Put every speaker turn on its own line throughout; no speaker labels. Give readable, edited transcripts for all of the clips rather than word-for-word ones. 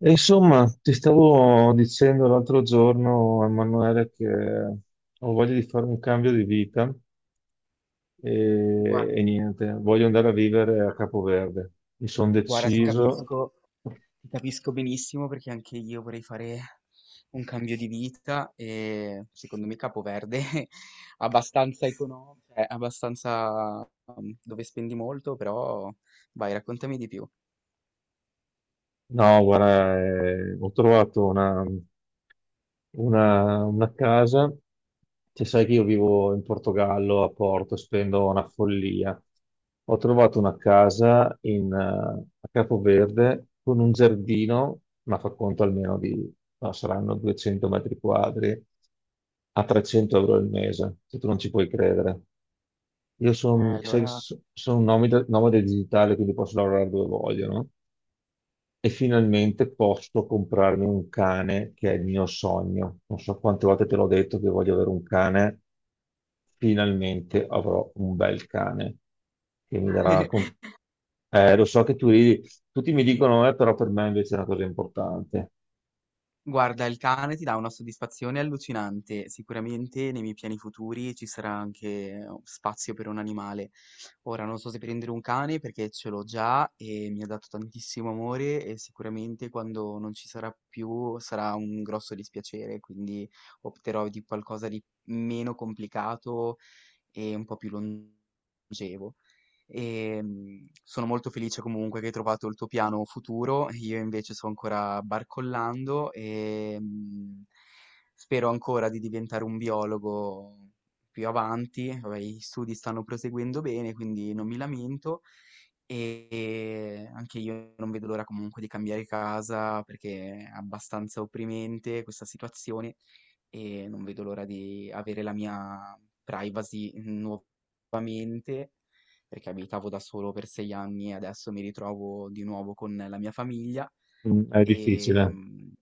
E insomma, ti stavo dicendo l'altro giorno, Emanuele, che ho voglia di fare un cambio di vita
Guarda,
e niente, voglio andare a vivere a Capoverde. Mi sono
guarda,
deciso.
ti capisco benissimo perché anche io vorrei fare un cambio di vita e secondo me Capoverde è abbastanza economico, cioè abbastanza dove spendi molto, però vai, raccontami di più.
No, guarda, ho trovato una casa, cioè, sai che io vivo in Portogallo, a Porto, spendo una follia. Ho trovato una casa a Capoverde con un giardino, ma fa conto almeno di, no, saranno 200 metri quadri, a 300 euro al mese, se tu non ci puoi credere. Io sono
Allora.
un nomade, nomade digitale, quindi posso lavorare dove voglio, no? E finalmente posso comprarmi un cane che è il mio sogno. Non so quante volte te l'ho detto che voglio avere un cane, finalmente avrò un bel cane che mi darà. Lo so che tu ridi, tutti mi dicono, però per me invece è una cosa importante.
Guarda, il cane ti dà una soddisfazione allucinante. Sicuramente nei miei piani futuri ci sarà anche spazio per un animale. Ora non so se prendere un cane perché ce l'ho già e mi ha dato tantissimo amore e sicuramente quando non ci sarà più sarà un grosso dispiacere, quindi opterò di qualcosa di meno complicato e un po' più longevo e sono molto felice comunque che hai trovato il tuo piano futuro. Io invece sto ancora barcollando e spero ancora di diventare un biologo più avanti. Vabbè, gli studi stanno proseguendo bene, quindi non mi lamento. E anche io non vedo l'ora comunque di cambiare casa perché è abbastanza opprimente questa situazione e non vedo l'ora di avere la mia privacy nuovamente mente, perché abitavo da solo per 6 anni e adesso mi ritrovo di nuovo con la mia famiglia.
Mm, è
E,
difficile.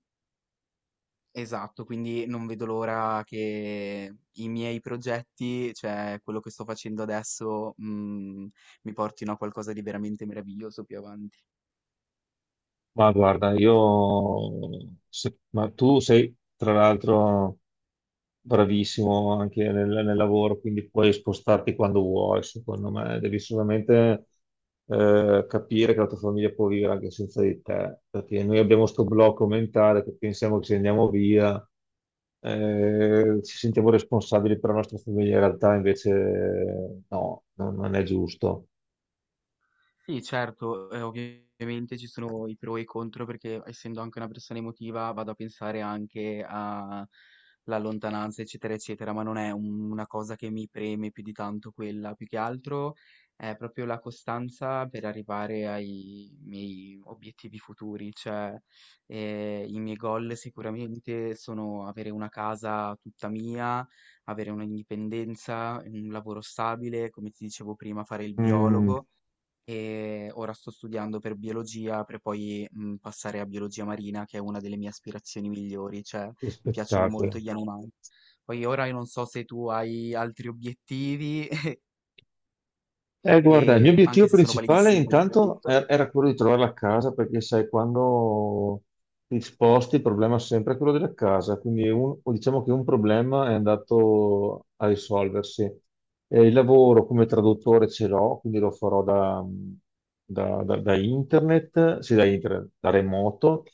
esatto, quindi non vedo l'ora che i miei progetti, cioè quello che sto facendo adesso, mi portino a qualcosa di veramente meraviglioso più avanti.
Ma guarda, io... se- Ma tu sei, tra l'altro, bravissimo anche nel lavoro, quindi puoi spostarti quando vuoi, secondo me. Devi solamente capire che la tua famiglia può vivere anche senza di te, perché noi abbiamo questo blocco mentale che pensiamo che se andiamo via ci sentiamo responsabili per la nostra famiglia, in realtà invece no, non è giusto.
Sì, certo, ovviamente ci sono i pro e i contro perché essendo anche una persona emotiva vado a pensare anche alla lontananza, eccetera, eccetera, ma non è una cosa che mi preme più di tanto quella, più che altro è proprio la costanza per arrivare ai miei obiettivi futuri, cioè i miei goal sicuramente sono avere una casa tutta mia, avere un'indipendenza, un lavoro stabile, come ti dicevo prima, fare il
Mm,
biologo e ora sto studiando per biologia per poi passare a biologia marina, che è una delle mie aspirazioni migliori, cioè
che
mi piacciono molto
spettacolo.
gli animali. Poi ora io non so se tu hai altri obiettivi,
Guarda, il mio
e,
obiettivo
anche se sono
principale
validissimi quelli che hai
intanto
detto.
era quello di trovare la casa, perché sai, quando ti sposti il problema è sempre quello della casa, quindi o diciamo che un problema è andato a risolversi. Il lavoro come traduttore ce l'ho, quindi lo farò da internet, sì, da internet, da remoto.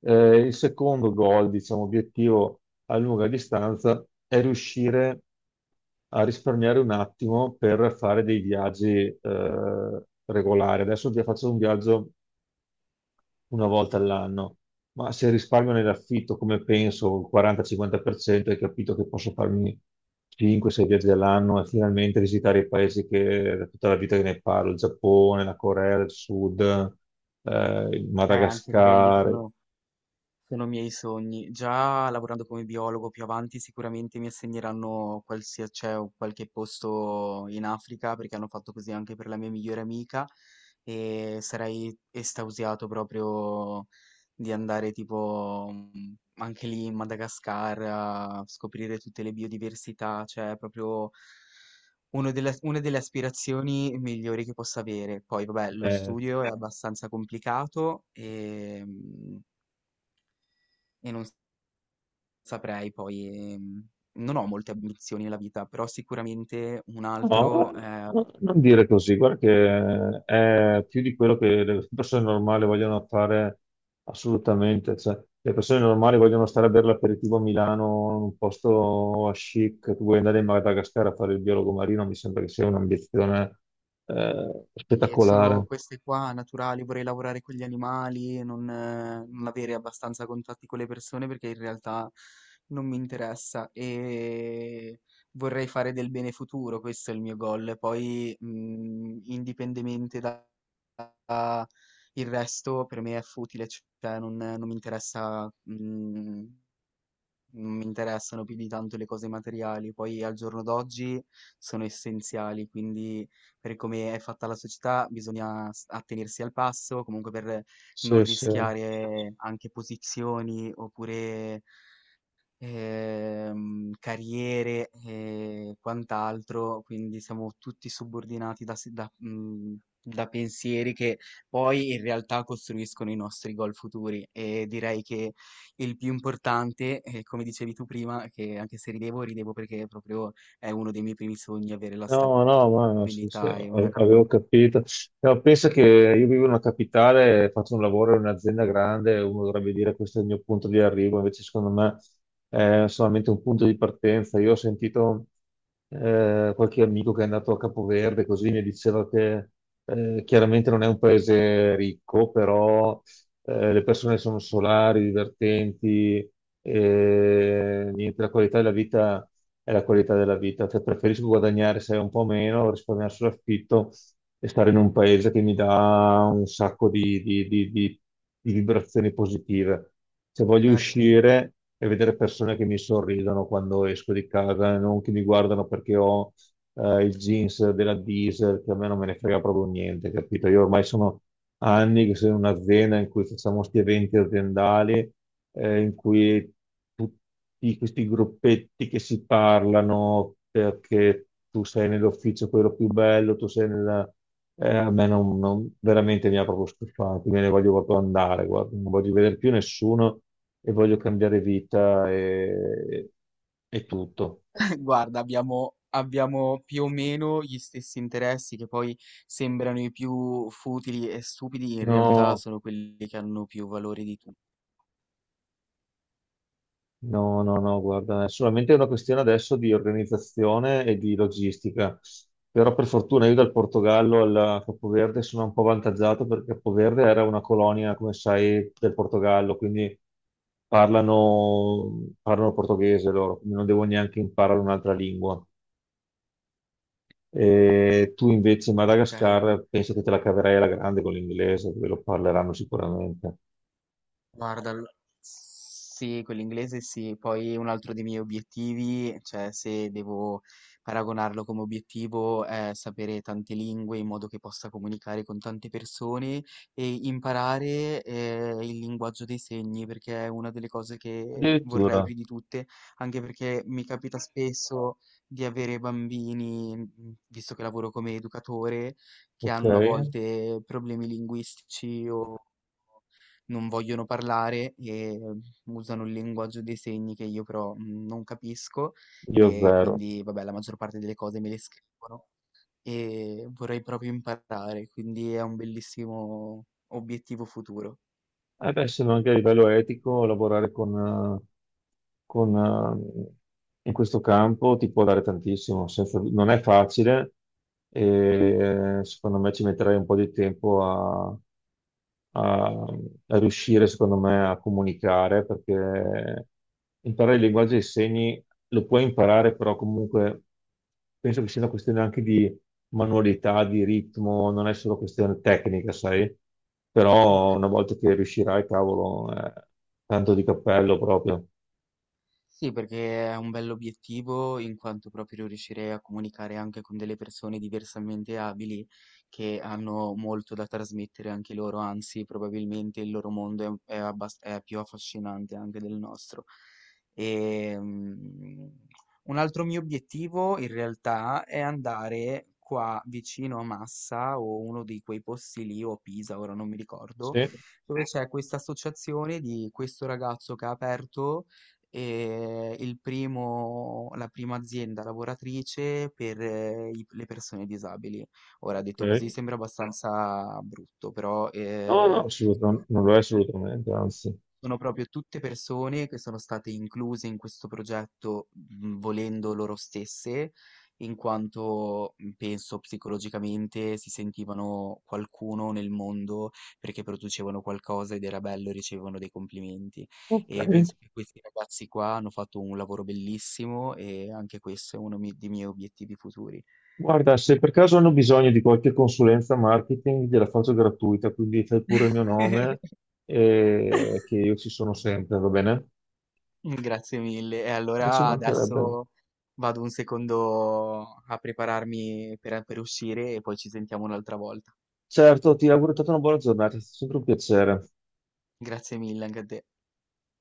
Il secondo goal, diciamo, obiettivo a lunga distanza è riuscire a risparmiare un attimo per fare dei viaggi regolari. Adesso già faccio un viaggio una volta all'anno, ma se risparmio nell'affitto, come penso, il 40-50%, hai capito che posso farmi 5-6 viaggi all'anno e finalmente visitare i paesi che da tutta la vita che ne parlo, il Giappone, la Corea del Sud, il
Anche quelli
Madagascar.
sono miei sogni. Già lavorando come biologo più avanti sicuramente mi assegneranno cioè, o qualche posto in Africa perché hanno fatto così anche per la mia migliore amica e sarei estasiato proprio di andare tipo anche lì in Madagascar a scoprire tutte le biodiversità, cioè è proprio una delle aspirazioni migliori che possa avere. Poi vabbè, lo
Eh.
studio è abbastanza complicato e non saprei poi, non ho molte ambizioni nella vita, però sicuramente un
No,
altro,
no, non dire così, guarda che è più di quello che le persone normali vogliono fare assolutamente. Cioè, le persone normali vogliono stare a bere l'aperitivo a Milano, in un posto a chic, tu vuoi andare in Madagascar a fare il biologo marino, mi sembra che sia un'ambizione
sì, e sono
spettacolare.
queste qua naturali, vorrei lavorare con gli animali, non avere abbastanza contatti con le persone perché in realtà non mi interessa e vorrei fare del bene futuro, questo è il mio goal. Poi, indipendentemente da il resto per me è futile, cioè non mi interessa. Mhmm Non mi interessano più di tanto le cose materiali, poi al giorno d'oggi sono essenziali, quindi per come è fatta la società bisogna attenersi al passo, comunque per non
Sì, sì.
rischiare anche posizioni oppure carriere e quant'altro, quindi siamo tutti subordinati da, si- da, mm, da pensieri che poi in realtà costruiscono i nostri goal futuri e direi che il più importante, come dicevi tu prima, che anche se ridevo, ridevo perché proprio è uno dei miei primi sogni avere la
No, no, ma sì, sì,
stabilità e una... ca-
avevo capito. No, pensa che io vivo in una capitale, faccio un lavoro in un'azienda grande, uno dovrebbe dire questo è il mio punto di arrivo, invece secondo me è solamente un punto di partenza. Io ho sentito qualche amico che è andato a Capoverde, così mi diceva che chiaramente non è un paese ricco, però le persone sono solari, divertenti, e niente, la qualità della vita è la qualità della vita, cioè preferisco guadagnare se un po' meno, risparmiare sull'affitto e stare in un paese che mi dà un sacco di vibrazioni positive. Se voglio
Certo.
uscire e vedere persone che mi sorridono quando esco di casa, non che mi guardano perché ho il jeans della Diesel, che a me non me ne frega proprio niente, capito? Io ormai sono anni che sono in un'azienda in cui facciamo questi eventi aziendali in cui tutti questi gruppetti che si parlano perché tu sei nell'ufficio quello più bello, a me non, veramente mi ha proprio stufato, me ne voglio proprio andare, guarda, non voglio vedere più nessuno e voglio cambiare vita e tutto.
Guarda, abbiamo, abbiamo più o meno gli stessi interessi che poi sembrano i più futili e stupidi, in realtà
No,
sono quelli che hanno più valore di tutti.
no, no, no, guarda, è solamente una questione adesso di organizzazione e di logistica. Però per fortuna io dal Portogallo al Capoverde sono un po' avvantaggiato perché Capoverde era una colonia, come sai, del Portogallo, quindi parlano portoghese loro, quindi non devo neanche imparare un'altra lingua. E tu invece in
Ok?
Madagascar penso che te la caverai alla grande con l'inglese, dove lo parleranno sicuramente.
Guarda, sì, quell'inglese sì, poi un altro dei miei obiettivi, cioè se devo paragonarlo come obiettivo, è sapere tante lingue in modo che possa comunicare con tante persone e imparare il linguaggio dei segni, perché è una delle cose che vorrei
Addirittura,
più di tutte, anche perché mi capita spesso di avere bambini, visto che lavoro come educatore, che
ok,
hanno a volte problemi linguistici o non vogliono parlare e usano il linguaggio dei segni che io però non capisco
io
e
zero.
quindi vabbè la maggior parte delle cose me le scrivono e vorrei proprio imparare, quindi è un bellissimo obiettivo futuro.
Eh beh, se no anche a livello etico lavorare con, eh, in questo campo ti può dare tantissimo, non è facile e secondo me ci metterai un po' di tempo a, a riuscire, secondo me, a comunicare, perché imparare il linguaggio dei segni lo puoi imparare, però comunque penso che sia una questione anche di manualità, di ritmo, non è solo questione tecnica, sai?
Ok.
Però una volta che riuscirai, cavolo, tanto di cappello proprio.
Sì, perché è un bell'obiettivo in quanto proprio riuscirei a comunicare anche con delle persone diversamente abili che hanno molto da trasmettere anche loro, anzi, probabilmente il loro mondo è, un- è abbas- è più affascinante anche del nostro. E, un altro mio obiettivo in realtà è andare qua vicino a Massa o uno di quei posti lì o Pisa, ora non mi ricordo,
Sì,
dove c'è questa associazione di questo ragazzo che ha aperto e la prima azienda lavoratrice per le persone disabili. Ora, detto così
ok.
sembra abbastanza brutto, però
No, no, assolutamente, non lo è assolutamente, anzi.
sono proprio tutte persone che sono state incluse in questo progetto, volendo loro stesse, in quanto penso psicologicamente si sentivano qualcuno nel mondo perché producevano qualcosa ed era bello e ricevevano dei complimenti.
Ok.
E penso che questi ragazzi qua hanno fatto un lavoro bellissimo e anche questo è uno dei miei obiettivi futuri.
Guarda, se per caso hanno bisogno di qualche consulenza marketing, gliela faccio gratuita, quindi fai pure il mio nome e che io ci sono sempre, va bene?
Grazie mille. E
Ma ci
allora
mancherebbe.
adesso vado un secondo a prepararmi per uscire e poi ci sentiamo un'altra volta.
Certo, ti auguro tutta una buona giornata, è stato sempre un piacere.
Grazie mille anche a te.